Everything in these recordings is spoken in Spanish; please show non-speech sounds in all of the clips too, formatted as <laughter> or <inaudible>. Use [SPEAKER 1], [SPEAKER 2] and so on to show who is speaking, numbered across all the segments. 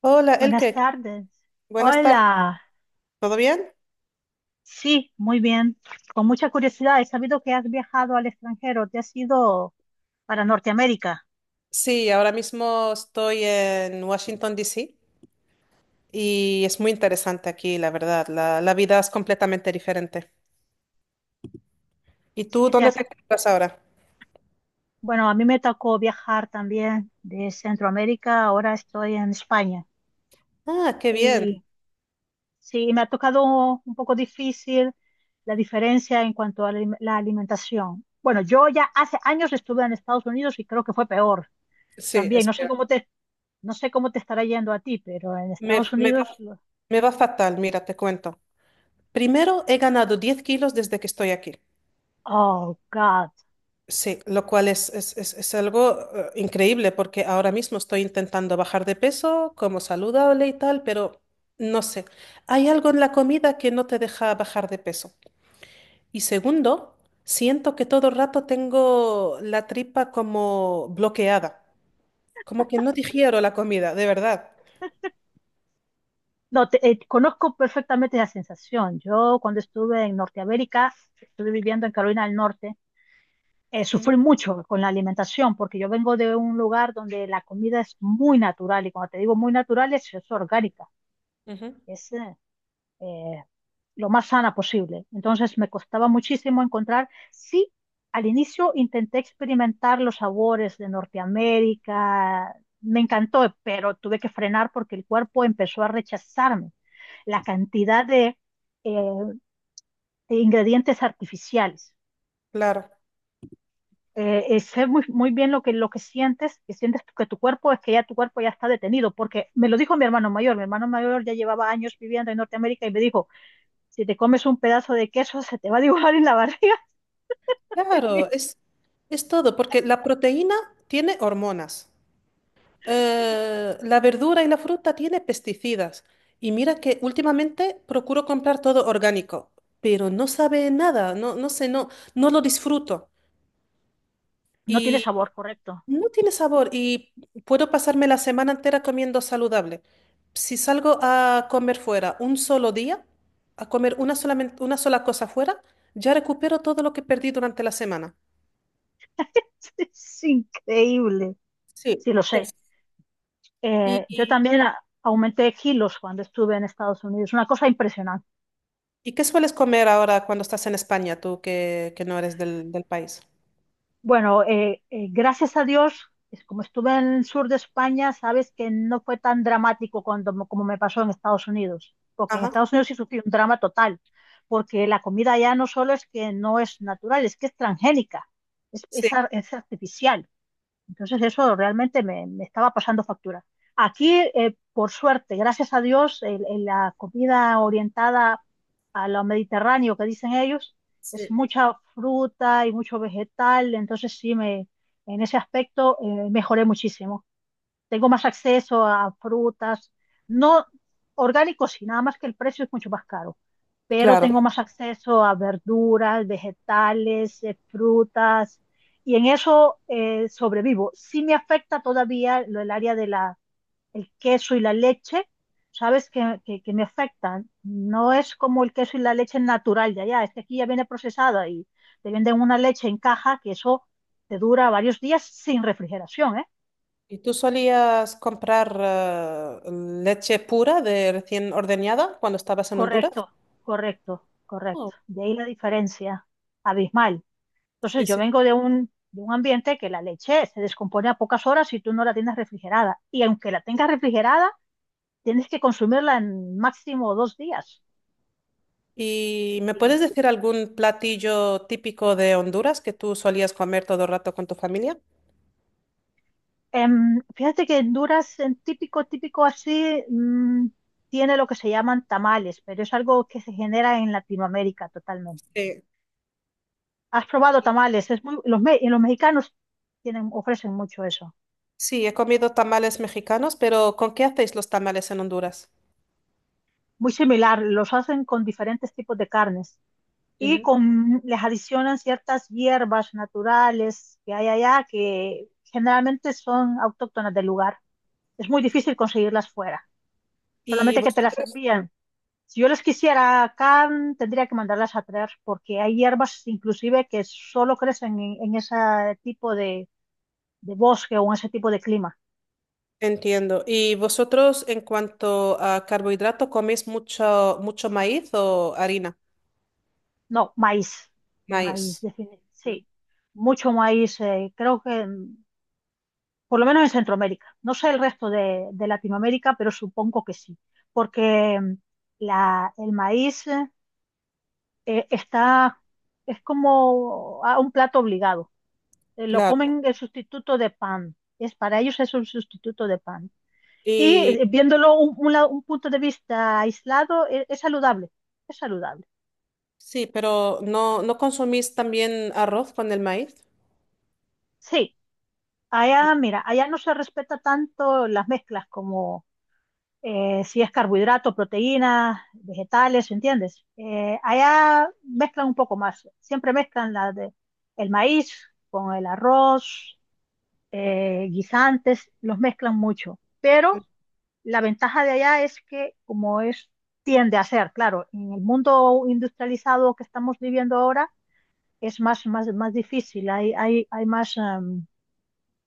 [SPEAKER 1] Hola,
[SPEAKER 2] Buenas
[SPEAKER 1] Elke.
[SPEAKER 2] tardes.
[SPEAKER 1] Buenas tardes.
[SPEAKER 2] Hola.
[SPEAKER 1] ¿Todo bien?
[SPEAKER 2] Sí, muy bien. Con mucha curiosidad, he sabido que has viajado al extranjero. Te has ido para Norteamérica.
[SPEAKER 1] Sí, ahora mismo estoy en Washington, D.C., y es muy interesante aquí, la verdad. La vida es completamente diferente. ¿Y tú
[SPEAKER 2] Sí, te
[SPEAKER 1] dónde te
[SPEAKER 2] hace.
[SPEAKER 1] encuentras ahora?
[SPEAKER 2] Bueno, a mí me tocó viajar también de Centroamérica. Ahora estoy en España.
[SPEAKER 1] Ah, qué bien.
[SPEAKER 2] Y sí, me ha tocado un poco difícil la diferencia en cuanto a la la alimentación. Bueno, yo ya hace años estuve en Estados Unidos y creo que fue peor
[SPEAKER 1] Sí,
[SPEAKER 2] también.
[SPEAKER 1] espera.
[SPEAKER 2] No sé cómo te estará yendo a ti, pero en
[SPEAKER 1] Me,
[SPEAKER 2] Estados
[SPEAKER 1] me va,
[SPEAKER 2] Unidos.
[SPEAKER 1] Me va fatal, mira, te cuento. Primero, he ganado 10 kilos desde que estoy aquí.
[SPEAKER 2] Oh, God.
[SPEAKER 1] Sí, lo cual es algo increíble porque ahora mismo estoy intentando bajar de peso, como saludable y tal, pero no sé, hay algo en la comida que no te deja bajar de peso. Y segundo, siento que todo el rato tengo la tripa como bloqueada, como que no digiero la comida, de verdad.
[SPEAKER 2] No, conozco perfectamente esa sensación. Yo cuando estuve en Norteamérica, estuve viviendo en Carolina del Norte,
[SPEAKER 1] Ujú,
[SPEAKER 2] sufrí mucho con la alimentación porque yo vengo de un lugar donde la comida es muy natural y cuando te digo muy natural es orgánica.
[SPEAKER 1] ujú.
[SPEAKER 2] Eh, lo más sana posible. Entonces me costaba muchísimo encontrar, sí, al inicio intenté experimentar los sabores de Norteamérica, me encantó, pero tuve que frenar porque el cuerpo empezó a rechazarme la cantidad eh, de ingredientes artificiales.
[SPEAKER 1] Claro,
[SPEAKER 2] Sé muy, muy bien lo que sientes, que sientes que tu cuerpo es que ya tu cuerpo ya está detenido, porque me lo dijo mi hermano mayor ya llevaba años viviendo en Norteamérica y me dijo, si te comes un pedazo de queso, se te va a dibujar en la barriga.
[SPEAKER 1] claro,
[SPEAKER 2] <laughs>
[SPEAKER 1] es todo, porque la proteína tiene hormonas. La verdura y la fruta tiene pesticidas. Y mira que últimamente procuro comprar todo orgánico, pero no sabe nada, no, no sé, no, no lo disfruto.
[SPEAKER 2] No tiene
[SPEAKER 1] Y
[SPEAKER 2] sabor, correcto.
[SPEAKER 1] no tiene sabor y puedo pasarme la semana entera comiendo saludable. Si salgo a comer fuera un solo día, a comer una solamente, una sola cosa fuera, ya recupero todo lo que perdí durante la semana.
[SPEAKER 2] <laughs> Es increíble.
[SPEAKER 1] Sí,
[SPEAKER 2] Sí, lo sé.
[SPEAKER 1] es-
[SPEAKER 2] Yo
[SPEAKER 1] Y,
[SPEAKER 2] también aumenté kilos cuando estuve en Estados Unidos. Una cosa impresionante.
[SPEAKER 1] ¿y qué sueles comer ahora cuando estás en España, tú que no eres del país?
[SPEAKER 2] Bueno, gracias a Dios, es como estuve en el sur de España, sabes que no fue tan dramático cuando, como me pasó en Estados Unidos. Porque en
[SPEAKER 1] Ajá,
[SPEAKER 2] Estados Unidos sí sufrí un drama total. Porque la comida ya no solo es que no es natural, es que es transgénica.
[SPEAKER 1] sí,
[SPEAKER 2] Es artificial. Entonces eso realmente me, me estaba pasando factura. Aquí, por suerte, gracias a Dios, la comida orientada a lo mediterráneo que dicen ellos,
[SPEAKER 1] sí.
[SPEAKER 2] es mucha fruta y mucho vegetal, entonces sí, me, en ese aspecto mejoré muchísimo, tengo más acceso a frutas, no orgánicos, y nada más que el precio es mucho más caro, pero
[SPEAKER 1] Claro.
[SPEAKER 2] tengo más acceso a verduras, vegetales, frutas, y en eso sobrevivo. Sí me afecta todavía lo del área de la, el queso y la leche, sabes que me afectan. No es como el queso y la leche natural de allá, es que aquí ya viene procesada y te venden una leche en caja que eso te dura varios días sin refrigeración, ¿eh?
[SPEAKER 1] ¿Y tú solías comprar eh, leche pura de recién ordeñada cuando estabas en Honduras?
[SPEAKER 2] Correcto, correcto, correcto.
[SPEAKER 1] Oh,
[SPEAKER 2] De ahí la diferencia abismal. Entonces
[SPEAKER 1] sí,
[SPEAKER 2] yo
[SPEAKER 1] sí.
[SPEAKER 2] vengo de un ambiente que la leche se descompone a pocas horas si tú no la tienes refrigerada. Y aunque la tengas refrigerada, tienes que consumirla en máximo dos días.
[SPEAKER 1] ¿Y me
[SPEAKER 2] Y,
[SPEAKER 1] puedes decir algún platillo típico de Honduras que tú solías comer todo el rato con tu familia?
[SPEAKER 2] fíjate que Honduras, en típico, típico así, tiene lo que se llaman tamales, pero es algo que se genera en Latinoamérica totalmente.
[SPEAKER 1] Sí.
[SPEAKER 2] ¿Has probado tamales? Es muy, los, y los mexicanos tienen, ofrecen mucho eso.
[SPEAKER 1] Sí, he comido tamales mexicanos, pero ¿con qué hacéis los tamales en Honduras?
[SPEAKER 2] Muy similar, los hacen con diferentes tipos de carnes y
[SPEAKER 1] Ujú.
[SPEAKER 2] con, les adicionan ciertas hierbas naturales que hay allá que generalmente son autóctonas del lugar. Es muy difícil conseguirlas fuera,
[SPEAKER 1] ¿Y
[SPEAKER 2] solamente que te las
[SPEAKER 1] vosotros?
[SPEAKER 2] envían. Si yo las quisiera acá, tendría que mandarlas a traer porque hay hierbas inclusive que solo crecen en ese tipo de bosque o en ese tipo de clima.
[SPEAKER 1] Entiendo. ¿Y vosotros en cuanto a carbohidrato coméis mucho, mucho maíz o harina?
[SPEAKER 2] No, maíz, maíz,
[SPEAKER 1] Maíz. No.
[SPEAKER 2] sí, mucho maíz. Creo que por lo menos en Centroamérica. No sé el resto de Latinoamérica, pero supongo que sí, porque la, el maíz está, es como a un plato obligado. Lo
[SPEAKER 1] Claro.
[SPEAKER 2] comen el sustituto de pan. Es, para ellos es un sustituto de pan. Y
[SPEAKER 1] Y
[SPEAKER 2] viéndolo un un punto de vista aislado, es saludable, es saludable.
[SPEAKER 1] sí, pero ¿no, no consumís también arroz con el maíz?
[SPEAKER 2] Sí, allá, mira, allá no se respeta tanto las mezclas como si es carbohidrato, proteínas, vegetales, ¿entiendes? Allá mezclan un poco más, siempre mezclan la de, el maíz con el arroz, guisantes, los mezclan mucho, pero la ventaja de allá es que como es, tiende a ser, claro, en el mundo industrializado que estamos viviendo ahora, es más, más, más difícil, hay más,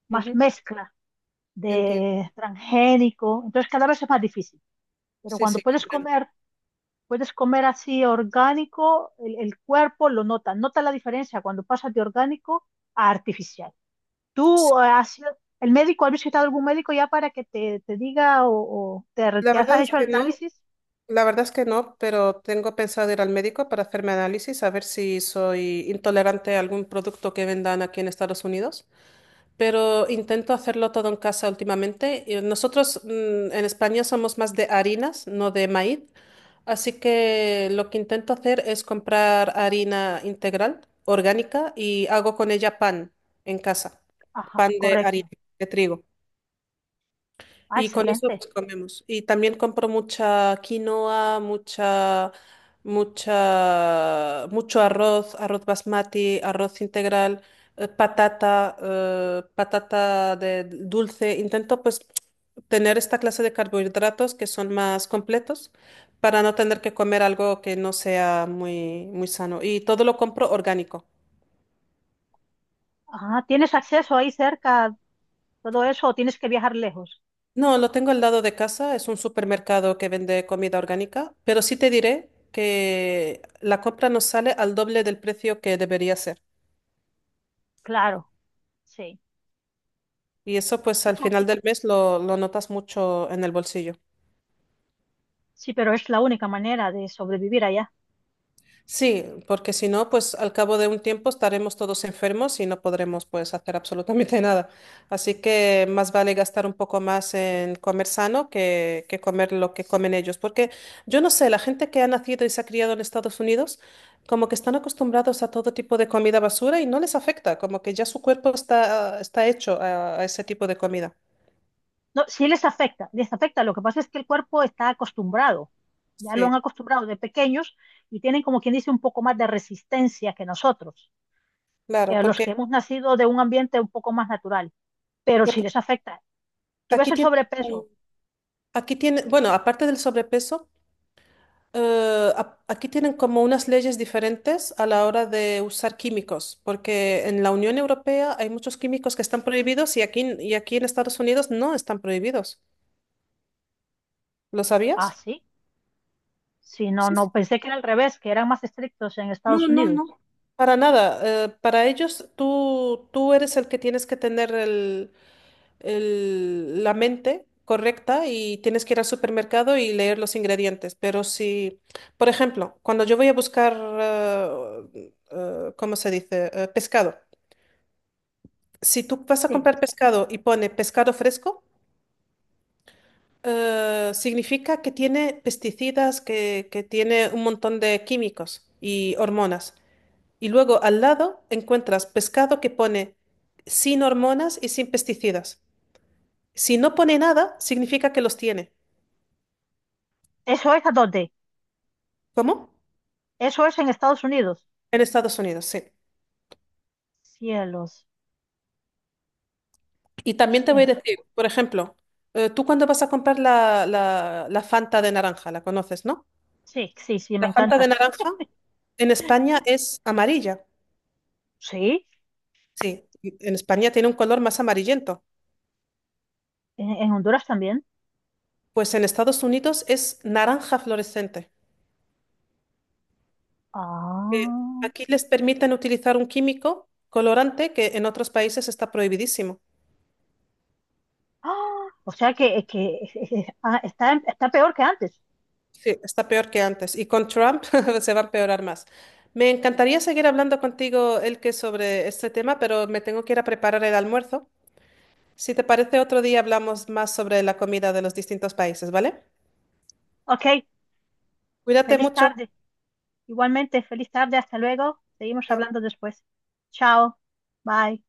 [SPEAKER 2] más
[SPEAKER 1] Ujú,
[SPEAKER 2] mezcla
[SPEAKER 1] entiendo.
[SPEAKER 2] de transgénico, entonces cada vez es más difícil. Pero
[SPEAKER 1] Sí,
[SPEAKER 2] cuando
[SPEAKER 1] sí,
[SPEAKER 2] puedes
[SPEAKER 1] comprendo.
[SPEAKER 2] comer, puedes comer así orgánico, el cuerpo lo nota, nota la diferencia cuando pasas de orgánico a artificial.
[SPEAKER 1] Sí,
[SPEAKER 2] ¿Tú has el médico, has visitado algún médico ya para que te diga o te,
[SPEAKER 1] la
[SPEAKER 2] te has
[SPEAKER 1] verdad es
[SPEAKER 2] hecho
[SPEAKER 1] que
[SPEAKER 2] el
[SPEAKER 1] no,
[SPEAKER 2] análisis?
[SPEAKER 1] la verdad es que no, pero tengo pensado ir al médico para hacerme análisis, a ver si soy intolerante a algún producto que vendan aquí en Estados Unidos. Pero intento hacerlo todo en casa últimamente. Y nosotros, en España somos más de harinas, no de maíz, así que lo que intento hacer es comprar harina integral, orgánica, y hago con ella pan en casa, pan
[SPEAKER 2] Ajá,
[SPEAKER 1] de harina,
[SPEAKER 2] correcto.
[SPEAKER 1] de trigo.
[SPEAKER 2] Ah,
[SPEAKER 1] Y con eso
[SPEAKER 2] excelente.
[SPEAKER 1] pues comemos. Y también compro mucha quinoa, mucha, mucha, mucho arroz, arroz basmati, arroz integral, patata, patata de dulce. Intento pues tener esta clase de carbohidratos que son más completos para no tener que comer algo que no sea muy, muy sano. Y todo lo compro orgánico.
[SPEAKER 2] Ajá, ¿tienes acceso ahí cerca, todo eso, o tienes que viajar lejos?
[SPEAKER 1] No, lo tengo al lado de casa, es un supermercado que vende comida orgánica, pero sí te diré que la compra nos sale al doble del precio que debería ser.
[SPEAKER 2] Claro, sí.
[SPEAKER 1] Y eso pues
[SPEAKER 2] Y
[SPEAKER 1] al final del mes lo notas mucho en el bolsillo.
[SPEAKER 2] sí, pero es la única manera de sobrevivir allá.
[SPEAKER 1] Sí, porque si no, pues al cabo de un tiempo estaremos todos enfermos y no podremos pues hacer absolutamente <laughs> nada. Así que más vale gastar un poco más en comer sano que comer lo que comen ellos. Porque yo no sé, la gente que ha nacido y se ha criado en Estados Unidos, como que están acostumbrados a todo tipo de comida basura y no les afecta, como que ya su cuerpo está, está hecho a ese tipo de comida.
[SPEAKER 2] No, sí les afecta, les afecta. Lo que pasa es que el cuerpo está acostumbrado, ya lo
[SPEAKER 1] Sí,
[SPEAKER 2] han acostumbrado de pequeños y tienen como quien dice un poco más de resistencia que nosotros,
[SPEAKER 1] claro,
[SPEAKER 2] los que
[SPEAKER 1] porque,
[SPEAKER 2] hemos nacido de un ambiente un poco más natural. Pero sí
[SPEAKER 1] porque
[SPEAKER 2] les afecta. ¿Tú ves
[SPEAKER 1] aquí
[SPEAKER 2] el
[SPEAKER 1] tiene, como-
[SPEAKER 2] sobrepeso?
[SPEAKER 1] aquí tiene, bueno, aparte del sobrepeso. Aquí tienen como unas leyes diferentes a la hora de usar químicos, porque en la Unión Europea hay muchos químicos que están prohibidos y aquí en Estados Unidos no están prohibidos. ¿Lo
[SPEAKER 2] Ah,
[SPEAKER 1] sabías?
[SPEAKER 2] sí. Sí, no, no, pensé que era al revés, que eran más estrictos en
[SPEAKER 1] No,
[SPEAKER 2] Estados
[SPEAKER 1] no,
[SPEAKER 2] Unidos.
[SPEAKER 1] no, para nada. Para ellos, tú eres el que tienes que tener el- la mente correcta y tienes que ir al supermercado y leer los ingredientes. Pero si, por ejemplo, cuando yo voy a buscar, ¿cómo se dice? Pescado. Si tú vas a
[SPEAKER 2] Sí,
[SPEAKER 1] comprar pescado y pone pescado fresco, significa que tiene pesticidas, que tiene un montón de químicos y hormonas. Y luego al lado encuentras pescado que pone sin hormonas y sin pesticidas. Si no pone nada, significa que los tiene.
[SPEAKER 2] eso es a dónde.
[SPEAKER 1] ¿Cómo?
[SPEAKER 2] Eso es en Estados Unidos.
[SPEAKER 1] En Estados Unidos, sí.
[SPEAKER 2] Cielos.
[SPEAKER 1] Y también te voy a decir, por ejemplo, tú cuando vas a comprar la Fanta de naranja, la conoces, ¿no?
[SPEAKER 2] Sí, sí, sí, me
[SPEAKER 1] La Fanta de
[SPEAKER 2] encanta.
[SPEAKER 1] naranja en España es amarilla.
[SPEAKER 2] Sí,
[SPEAKER 1] Sí, en España tiene un color más amarillento.
[SPEAKER 2] en Honduras también.
[SPEAKER 1] Pues en Estados Unidos es naranja fluorescente. Que
[SPEAKER 2] Ah.
[SPEAKER 1] aquí les permiten utilizar un químico colorante que en otros países está prohibidísimo.
[SPEAKER 2] <gasps> ¡Ah! O sea que ah, está, está peor que antes.
[SPEAKER 1] Sí, está peor que antes. Y con Trump <laughs> se va a empeorar más. Me encantaría seguir hablando contigo, Elke, sobre este tema, pero me tengo que ir a preparar el almuerzo. Si te parece, otro día hablamos más sobre la comida de los distintos países, ¿vale?
[SPEAKER 2] Ok,
[SPEAKER 1] Cuídate
[SPEAKER 2] feliz
[SPEAKER 1] mucho.
[SPEAKER 2] tarde. Igualmente, feliz tarde. Hasta luego. Seguimos hablando
[SPEAKER 1] Chao.
[SPEAKER 2] después. Chao. Bye.